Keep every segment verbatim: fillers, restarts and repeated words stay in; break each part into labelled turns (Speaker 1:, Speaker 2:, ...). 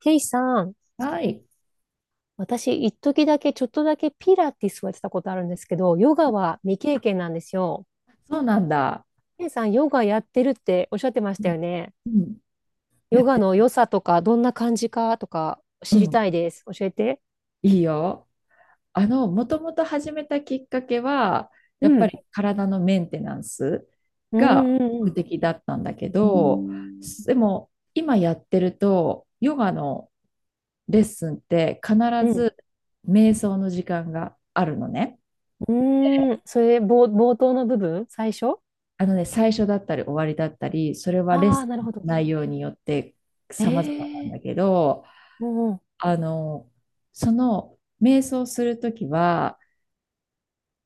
Speaker 1: ケイさん、
Speaker 2: はい。
Speaker 1: 私、一時だけ、ちょっとだけピラティスをやってたことあるんですけど、ヨガは未経験なんですよ。
Speaker 2: そうなんだ。
Speaker 1: ケイさん、ヨガやってるっておっしゃってまし
Speaker 2: う
Speaker 1: た
Speaker 2: ん
Speaker 1: よね。
Speaker 2: うんや
Speaker 1: ヨ
Speaker 2: っ
Speaker 1: ガ
Speaker 2: て、
Speaker 1: の良さとか、どんな感じかとか、
Speaker 2: う
Speaker 1: 知り
Speaker 2: ん。
Speaker 1: たいです。教えて。
Speaker 2: いいよ。あの、もともと始めたきっかけは、
Speaker 1: う
Speaker 2: やっぱ
Speaker 1: ん。
Speaker 2: り体のメンテナンス
Speaker 1: う
Speaker 2: が
Speaker 1: んう
Speaker 2: 目
Speaker 1: ん
Speaker 2: 的だったんだけど、うん。でも今やってると、ヨガのレッスンって必
Speaker 1: うん。
Speaker 2: ず瞑想の時間があるのね。
Speaker 1: うん。
Speaker 2: で、
Speaker 1: うん。それ、冒、冒頭の部分最初。
Speaker 2: あのね、最初だったり終わりだったり、それはレッ
Speaker 1: ああー、
Speaker 2: ス
Speaker 1: なる
Speaker 2: ンの
Speaker 1: ほど。
Speaker 2: 内容によって
Speaker 1: え
Speaker 2: 様々なん
Speaker 1: えー。
Speaker 2: だけど、
Speaker 1: うん
Speaker 2: あの、その瞑想するときは、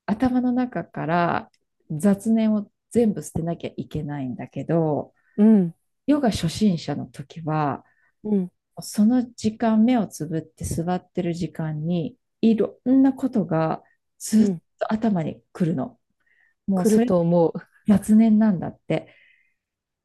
Speaker 2: 頭の中から雑念を全部捨てなきゃいけないんだけど、
Speaker 1: うん。
Speaker 2: ヨガ初心者の時は、
Speaker 1: うん。
Speaker 2: その時間、目をつぶって座ってる時間に、いろんなことが
Speaker 1: う
Speaker 2: ずっ
Speaker 1: ん。
Speaker 2: と頭に来るの。もう
Speaker 1: 来る
Speaker 2: それ
Speaker 1: と思う。
Speaker 2: 雑念なんだって。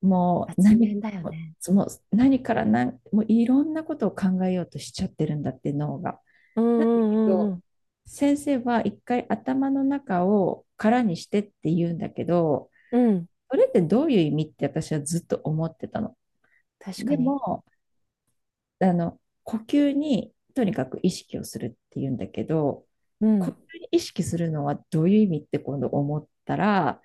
Speaker 2: もう
Speaker 1: 雑
Speaker 2: 何、
Speaker 1: 念だよね。
Speaker 2: もう何から何、もういろんなことを考えようとしちゃってるんだって、脳が。
Speaker 1: うん
Speaker 2: なんだけ
Speaker 1: うんう
Speaker 2: ど、
Speaker 1: ん
Speaker 2: 先生は一回頭の中を空にしてって言うんだけど、
Speaker 1: うん。うん。
Speaker 2: それってどういう意味って私はずっと思ってたの。
Speaker 1: 確か
Speaker 2: で
Speaker 1: に。
Speaker 2: も、あの、呼吸にとにかく意識をするって言うんだけど、
Speaker 1: う
Speaker 2: 呼吸
Speaker 1: ん。
Speaker 2: に意識するのはどういう意味って今度思ったら、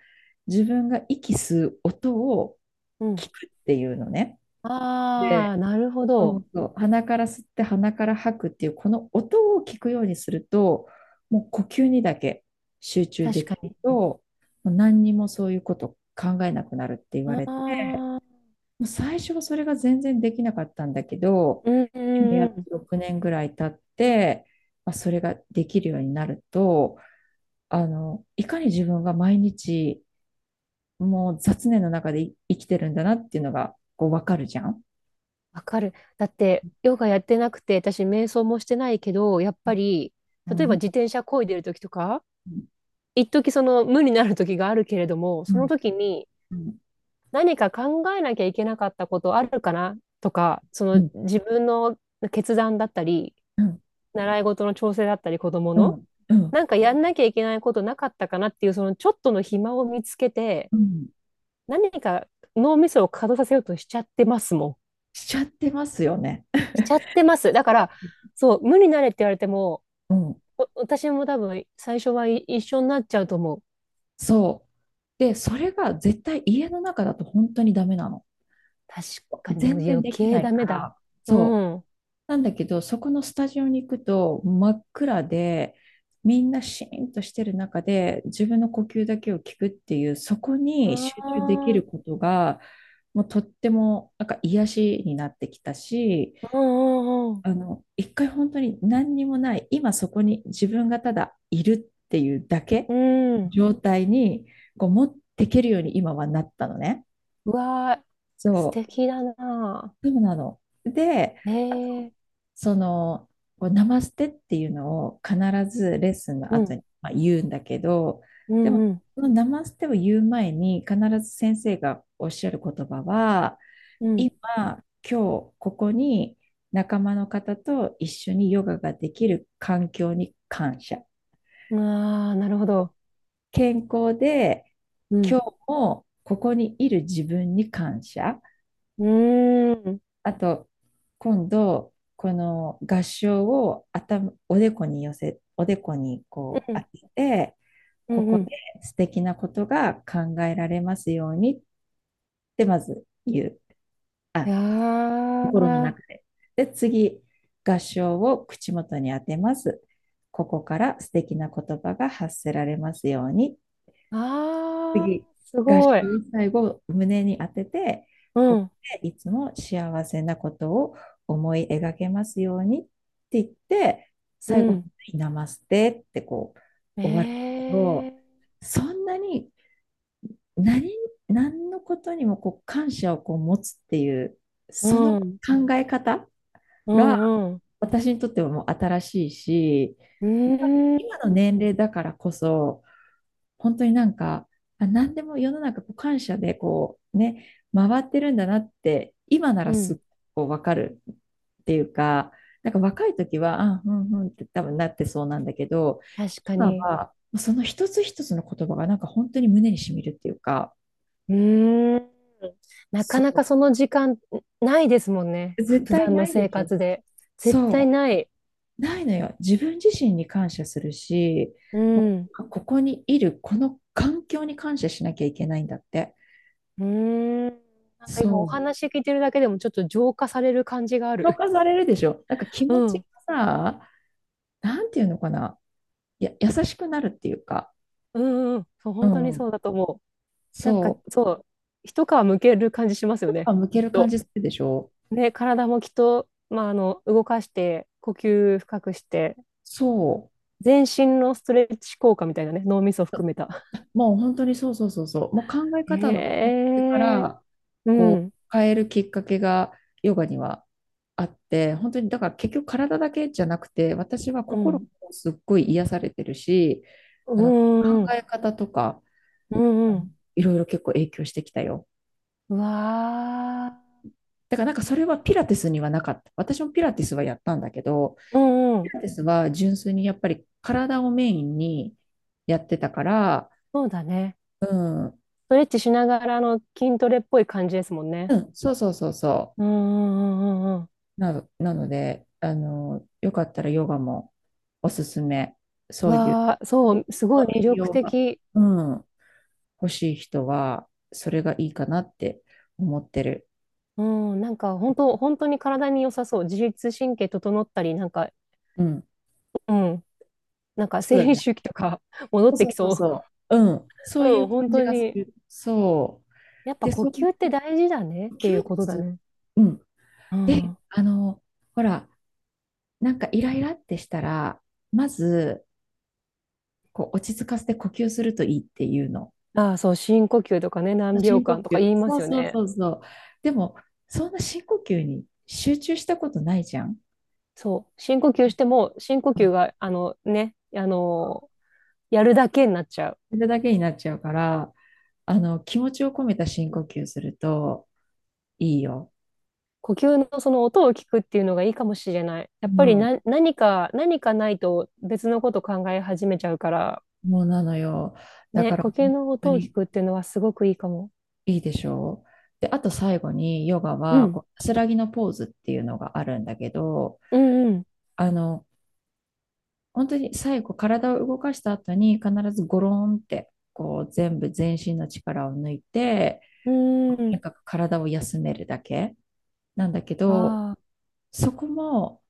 Speaker 2: 自分が息吸う音を
Speaker 1: うん。
Speaker 2: 聞くっていうのね。
Speaker 1: ああ、
Speaker 2: で、
Speaker 1: なるほ
Speaker 2: そ
Speaker 1: ど。
Speaker 2: うそう、鼻から吸って鼻から吐くっていうこの音を聞くようにすると、もう呼吸にだけ集中で
Speaker 1: 確か
Speaker 2: きる
Speaker 1: に。
Speaker 2: と、もう何にもそういうこと考えなくなるって言わ
Speaker 1: あ
Speaker 2: れて、
Speaker 1: あ、
Speaker 2: もう最初はそれが全然できなかったんだけど、
Speaker 1: うんう
Speaker 2: 今
Speaker 1: ん
Speaker 2: や
Speaker 1: う
Speaker 2: っ
Speaker 1: ん。
Speaker 2: とろくねんぐらい経って、まあ、それができるようになると、あのいかに自分が毎日もう雑念の中でい生きてるんだなっていうのがこう分かるじゃん。
Speaker 1: わかる。だって、ヨガやってなくて、私、瞑想もしてないけど、やっぱり、
Speaker 2: う
Speaker 1: 例えば
Speaker 2: ん。
Speaker 1: 自転車漕いでる時とか、
Speaker 2: うん、
Speaker 1: 一時その無になる時があるけれども、その時に
Speaker 2: うん、
Speaker 1: 何か考えなきゃいけなかったことあるかなとか、そ
Speaker 2: う
Speaker 1: の
Speaker 2: ん
Speaker 1: 自分の決断だったり、
Speaker 2: うん、
Speaker 1: 習い事の調整だったり、子供
Speaker 2: う
Speaker 1: の、
Speaker 2: ん、うん、
Speaker 1: なんかやんなきゃいけないことなかったかなっていう、そのちょっとの暇を見つけて、
Speaker 2: うん。
Speaker 1: 何か脳みそを稼働させようとしちゃってますもん。
Speaker 2: しちゃってますよね。
Speaker 1: しちゃってます。だから、そう、無になれって言われても、
Speaker 2: うん、
Speaker 1: お私も多分最初はい一緒になっちゃうと思う。
Speaker 2: そう。で、それが絶対家の中だと本当にダメなの。
Speaker 1: 確かに、でも
Speaker 2: 全然
Speaker 1: 余
Speaker 2: でき
Speaker 1: 計
Speaker 2: ない
Speaker 1: ダ
Speaker 2: か
Speaker 1: メだ。
Speaker 2: ら、
Speaker 1: う
Speaker 2: そう。
Speaker 1: ん。あ
Speaker 2: なんだけど、そこのスタジオに行くと真っ暗で、みんなシーンとしてる中で自分の呼吸だけを聞くっていう、そこに集中できる
Speaker 1: あ、
Speaker 2: ことが、もうとってもなんか癒しになってきたし、
Speaker 1: うんうん
Speaker 2: あの、一回本当に何にもない、今そこに自分がただいるっていうだ
Speaker 1: う
Speaker 2: け
Speaker 1: ん。うん。
Speaker 2: 状態にこう持っていけるように今はなったのね。
Speaker 1: うわー、素
Speaker 2: そ
Speaker 1: 敵だな。
Speaker 2: う、そうなの。で、
Speaker 1: え
Speaker 2: あの
Speaker 1: えー、
Speaker 2: その、こうナマステっていうのを必ずレッスンの
Speaker 1: う
Speaker 2: 後
Speaker 1: ん、
Speaker 2: に、まあ、言うんだけど、
Speaker 1: う
Speaker 2: で
Speaker 1: ん、
Speaker 2: も、
Speaker 1: うん、
Speaker 2: そのナマステを言う前に必ず先生がおっしゃる言葉は、今、今日ここに仲間の方と一緒にヨガができる環境に感謝。
Speaker 1: うん。ああ、なるほど。
Speaker 2: 健康で
Speaker 1: う
Speaker 2: 今
Speaker 1: ん。
Speaker 2: 日もここにいる自分に感謝。
Speaker 1: うーん、
Speaker 2: あと、今度、この合掌を頭、おでこに寄せ、おでこにこ
Speaker 1: う
Speaker 2: う当
Speaker 1: ん、
Speaker 2: てて、
Speaker 1: う
Speaker 2: こ
Speaker 1: ん、う
Speaker 2: こで
Speaker 1: ん。
Speaker 2: 素敵なことが考えられますようにってまず言う。
Speaker 1: い
Speaker 2: あ、
Speaker 1: や
Speaker 2: 心の
Speaker 1: ー、
Speaker 2: 中で。で、次、合唱を口元に当てます。ここから素敵な言葉が発せられますように。
Speaker 1: ああ、
Speaker 2: 次、
Speaker 1: す
Speaker 2: 合唱
Speaker 1: ごい。
Speaker 2: を最後、胸に当てて、
Speaker 1: う
Speaker 2: ここ
Speaker 1: ん、
Speaker 2: でいつも幸せなことを思い描けますようにって言って、
Speaker 1: う
Speaker 2: 最後、
Speaker 1: ん。
Speaker 2: ナマステってこう終わる
Speaker 1: え
Speaker 2: け
Speaker 1: え、
Speaker 2: ど、そんなに何何のことにもこう感謝をこう持つっていう、
Speaker 1: う
Speaker 2: その考
Speaker 1: ん、
Speaker 2: え方
Speaker 1: う
Speaker 2: が、
Speaker 1: ん、うん。う
Speaker 2: 私にとってはもう新しいし、
Speaker 1: ー
Speaker 2: やっぱり
Speaker 1: ん、
Speaker 2: 今の年齢だからこそ、本当になんか、あ、何でも世の中こう感謝でこうね、回ってるんだなって、今な
Speaker 1: う
Speaker 2: らすっ
Speaker 1: ん。
Speaker 2: ごいわかるっていうか、なんか若い時は、あ、うんうんって多分なってそうなんだけど、
Speaker 1: 確か
Speaker 2: 今
Speaker 1: に。
Speaker 2: はその一つ一つの言葉がなんか本当に胸にしみるっていうか、
Speaker 1: うーん。なかな
Speaker 2: そ
Speaker 1: かその時間ないですもんね。
Speaker 2: う、
Speaker 1: ふ
Speaker 2: 絶
Speaker 1: 普
Speaker 2: 対
Speaker 1: 段
Speaker 2: な
Speaker 1: の
Speaker 2: い
Speaker 1: 生
Speaker 2: でしょ。
Speaker 1: 活で。絶対
Speaker 2: そ
Speaker 1: ない。
Speaker 2: う。ないのよ。自分自身に感謝するし、
Speaker 1: う
Speaker 2: も
Speaker 1: ん。
Speaker 2: うここにいる、この環境に感謝しなきゃいけないんだって。
Speaker 1: うーん。なんか今
Speaker 2: そ
Speaker 1: お
Speaker 2: う。
Speaker 1: 話聞いてるだけでもちょっと浄化される感じがあ
Speaker 2: 評
Speaker 1: る。
Speaker 2: 価されるでしょ。なんか気
Speaker 1: う
Speaker 2: 持ち
Speaker 1: ん。
Speaker 2: がさ、なんていうのかな。や、優しくなるっていうか。
Speaker 1: うん、うんうん。そう、
Speaker 2: う
Speaker 1: 本当に
Speaker 2: ん。
Speaker 1: そうだと思う。なんか
Speaker 2: そ
Speaker 1: そう、一皮むける感じします
Speaker 2: う。
Speaker 1: よ
Speaker 2: やっ
Speaker 1: ね。
Speaker 2: ぱ向
Speaker 1: き
Speaker 2: け
Speaker 1: っ
Speaker 2: る感
Speaker 1: と。
Speaker 2: じするでしょ。
Speaker 1: ね、体もきっと、まあ、あの、動かして、呼吸深くして、
Speaker 2: そう。
Speaker 1: 全身のストレッチ効果みたいなね、脳みそ含めた。
Speaker 2: もう本当にそうそうそうそう、もう考え方の根
Speaker 1: へ
Speaker 2: 底か
Speaker 1: え、
Speaker 2: ら
Speaker 1: う
Speaker 2: こう
Speaker 1: ん、
Speaker 2: 変えるきっかけがヨガにはあって、本当にだから結局体だけじゃなくて、私は
Speaker 1: う
Speaker 2: 心
Speaker 1: ん、
Speaker 2: もすっごい癒されてるし、
Speaker 1: う
Speaker 2: あの考
Speaker 1: ん、うん、
Speaker 2: え方とか
Speaker 1: うん、
Speaker 2: あ
Speaker 1: うん、
Speaker 2: のいろいろ結構影響してきたよ。
Speaker 1: うわ
Speaker 2: だからなんかそれはピラティスにはなかった。私もピラティスはやったんだけど、
Speaker 1: ー、うん、う
Speaker 2: ピ
Speaker 1: ん、
Speaker 2: ラティスは純粋にやっぱり体をメインにやってたから、
Speaker 1: そうだね。
Speaker 2: うん、う
Speaker 1: ストレッチしながらの筋トレっぽい感じですもんね。
Speaker 2: ん、そうそうそうそう。
Speaker 1: うん、うん、うん、うん、うん。
Speaker 2: な、なので、あの、よかったらヨガもおすすめ。
Speaker 1: う
Speaker 2: そういう
Speaker 1: わー、そう、すごい魅
Speaker 2: 栄
Speaker 1: 力
Speaker 2: 養が、
Speaker 1: 的。
Speaker 2: うん、欲しい人は、それがいいかなって思ってる。
Speaker 1: うん、なんか本当、本当に体に良さそう。自律神経整ったり、なんか、
Speaker 2: うん。
Speaker 1: うん。なんか
Speaker 2: そう
Speaker 1: 生
Speaker 2: だ
Speaker 1: 理
Speaker 2: ね。
Speaker 1: 周期とか 戻って
Speaker 2: そう
Speaker 1: き
Speaker 2: そう
Speaker 1: そう。
Speaker 2: そうそう。うん。そうい
Speaker 1: う
Speaker 2: う
Speaker 1: ん、
Speaker 2: 感
Speaker 1: 本
Speaker 2: じ
Speaker 1: 当
Speaker 2: がす
Speaker 1: に。
Speaker 2: る。そう。
Speaker 1: やっぱ
Speaker 2: で、
Speaker 1: 呼
Speaker 2: そう
Speaker 1: 吸
Speaker 2: い
Speaker 1: って大事だねっ
Speaker 2: う
Speaker 1: てい
Speaker 2: 休
Speaker 1: うことだ
Speaker 2: 日。
Speaker 1: ね。
Speaker 2: うん。
Speaker 1: う
Speaker 2: で、
Speaker 1: ん。
Speaker 2: あの、ほら、なんかイライラってしたら、まず、こう、落ち着かせて呼吸するといいっていうの。
Speaker 1: ああ、そう、深呼吸とかね、何秒
Speaker 2: 深呼
Speaker 1: 間とか
Speaker 2: 吸。
Speaker 1: 言いま
Speaker 2: そう
Speaker 1: すよ
Speaker 2: そう
Speaker 1: ね。
Speaker 2: そうそう。でも、そんな深呼吸に集中したことないじゃん。
Speaker 1: そう、深呼吸しても、深呼
Speaker 2: う
Speaker 1: 吸
Speaker 2: ん。
Speaker 1: が、あのね、あのやるだけになっちゃう。
Speaker 2: それだけになっちゃうから、あの、気持ちを込めた深呼吸するといいよ。
Speaker 1: 呼吸のその音を聞くっていうのがいいかもしれない。やっぱ
Speaker 2: う
Speaker 1: り
Speaker 2: ん。
Speaker 1: な、何か、何かないと別のこと考え始めちゃうから、
Speaker 2: もうなのよ。だか
Speaker 1: ね、
Speaker 2: ら、
Speaker 1: 呼
Speaker 2: 本
Speaker 1: 吸の
Speaker 2: 当
Speaker 1: 音を聞
Speaker 2: に
Speaker 1: くっていうのはすごくいいかも。
Speaker 2: いいでしょう。で、あと最後に、ヨガ
Speaker 1: う
Speaker 2: は、こ
Speaker 1: ん、
Speaker 2: う、安らぎのポーズっていうのがあるんだけど、
Speaker 1: うん、
Speaker 2: あの、本当に最後、体を動かした後に、必ずゴロンって、こう、全部全身の力を抜いて、
Speaker 1: うん、う
Speaker 2: な
Speaker 1: ん。
Speaker 2: んか体を休めるだけなんだけど、
Speaker 1: ああ。
Speaker 2: そこも、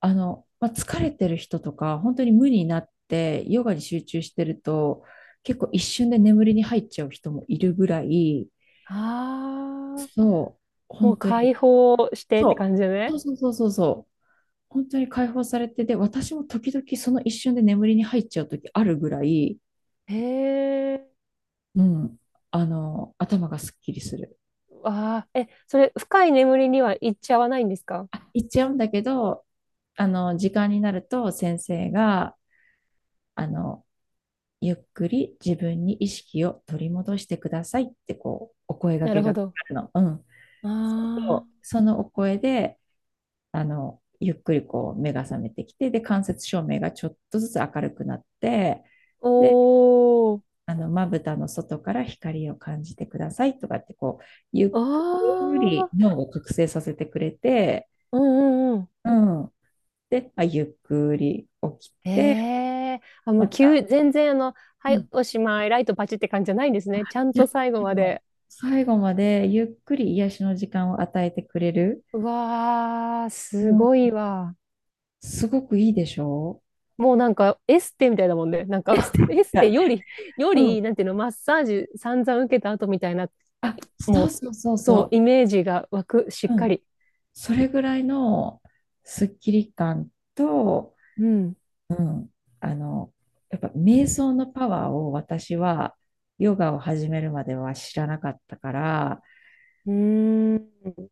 Speaker 2: あの、まあ、疲れてる人とか、本当に無になってヨガに集中してると、結構一瞬で眠りに入っちゃう人もいるぐらい、
Speaker 1: ああ、
Speaker 2: そう、
Speaker 1: もう
Speaker 2: 本当
Speaker 1: 解
Speaker 2: に、
Speaker 1: 放してって
Speaker 2: そ
Speaker 1: 感じ
Speaker 2: う、そ
Speaker 1: ね。
Speaker 2: うそうそうそうそう、本当に解放されて、で、私も時々その一瞬で眠りに入っちゃう時あるぐらい、
Speaker 1: へえ、
Speaker 2: うん、あの、頭がすっきりする。
Speaker 1: わあ、え、それ、深い眠りには行っちゃわないんですか？
Speaker 2: あ、言っちゃうんだけど、あの、時間になると先生が、あの、ゆっくり自分に意識を取り戻してくださいってこう、お声掛
Speaker 1: なる
Speaker 2: け
Speaker 1: ほ
Speaker 2: が来
Speaker 1: ど。
Speaker 2: るの。うん。
Speaker 1: あ
Speaker 2: そうすると
Speaker 1: あ、
Speaker 2: そのお声で、あの、ゆっくりこう目が覚めてきて、で、間接照明がちょっとずつ明るくなって、
Speaker 1: お
Speaker 2: で、
Speaker 1: ー、
Speaker 2: あの、まぶたの外から光を感じてくださいとかってこう、ゆっ
Speaker 1: あ
Speaker 2: くり
Speaker 1: あ、
Speaker 2: 脳を覚醒させてくれて、
Speaker 1: うんうんうん。
Speaker 2: うん。で、まあ、ゆっくり起き
Speaker 1: へ
Speaker 2: て、
Speaker 1: え、あ、も
Speaker 2: ま
Speaker 1: う急、
Speaker 2: た、
Speaker 1: 全然あの、
Speaker 2: う
Speaker 1: はい、
Speaker 2: ん、
Speaker 1: おしまい、ライトパチって感じじゃないんですね。ちゃんと
Speaker 2: 自
Speaker 1: 最後
Speaker 2: 分
Speaker 1: ま
Speaker 2: の
Speaker 1: で。
Speaker 2: 最後までゆっくり癒しの時間を与えてくれる。
Speaker 1: うわあ、
Speaker 2: う
Speaker 1: す
Speaker 2: ん、
Speaker 1: ごいわ。
Speaker 2: すごくいいでしょ
Speaker 1: もうなんかエステみたいだもんね。なんか
Speaker 2: う。
Speaker 1: エス
Speaker 2: は
Speaker 1: テ
Speaker 2: い。
Speaker 1: より、よ
Speaker 2: うん。
Speaker 1: り、なんていうの、マッサージ散々受けた後みたいな、
Speaker 2: あ、そう
Speaker 1: も
Speaker 2: そうそう
Speaker 1: う、そう、
Speaker 2: そ
Speaker 1: イメージが湧く、し
Speaker 2: う。
Speaker 1: っ
Speaker 2: う
Speaker 1: か
Speaker 2: ん。
Speaker 1: り。
Speaker 2: それぐらいのスッキリ感と、
Speaker 1: うん。
Speaker 2: うん。あの、やっぱ瞑想のパワーを私はヨガを始めるまでは知らなかったから、
Speaker 1: うーん。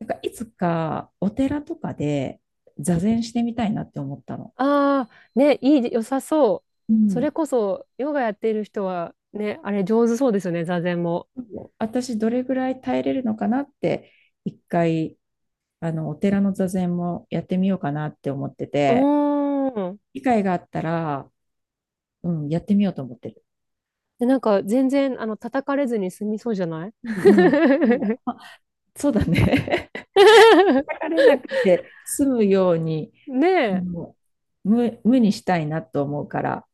Speaker 2: なんかいつかお寺とかで座禅してみたいなって思ったの。
Speaker 1: ああ、ね、いい、良さそ
Speaker 2: う
Speaker 1: う。それ
Speaker 2: ん。
Speaker 1: こそ、ヨガやっている人は、ね、あれ上手そうですよね、座禅も。
Speaker 2: 私どれぐらい耐えれるのかなって一回あのお寺の座禅もやってみようかなって思って
Speaker 1: う
Speaker 2: て
Speaker 1: ーん。
Speaker 2: 機会があったら、うん、やってみようと思ってる。
Speaker 1: で、なんか全然、あの、叩かれずに済みそうじゃない
Speaker 2: う んうん、もう、あ、そうだね。叩かれなくて済むように
Speaker 1: ね
Speaker 2: あ
Speaker 1: え、
Speaker 2: の無、無にしたいなと思うから。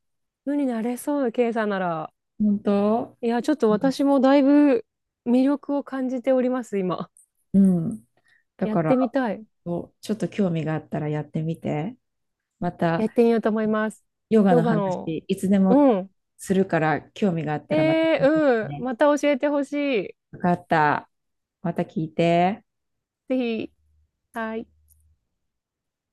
Speaker 1: 無になれそう、ケイさんなら。
Speaker 2: 本当。
Speaker 1: いや、ちょっと
Speaker 2: う
Speaker 1: 私もだいぶ魅力を感じております、今。
Speaker 2: んうん。だ
Speaker 1: やっ
Speaker 2: か
Speaker 1: てみ
Speaker 2: ら、
Speaker 1: たい。
Speaker 2: こうちょっと興味があったらやってみて。また
Speaker 1: やってみようと思います。
Speaker 2: ヨガ
Speaker 1: ヨ
Speaker 2: の
Speaker 1: ガ
Speaker 2: 話、
Speaker 1: の。
Speaker 2: いつでも
Speaker 1: うん。
Speaker 2: するから、興味があったらまた
Speaker 1: え
Speaker 2: 聞いて
Speaker 1: ー、うん。
Speaker 2: ね。
Speaker 1: また教えてほしい。
Speaker 2: よかった。また聞いて。
Speaker 1: ぜひ。はい。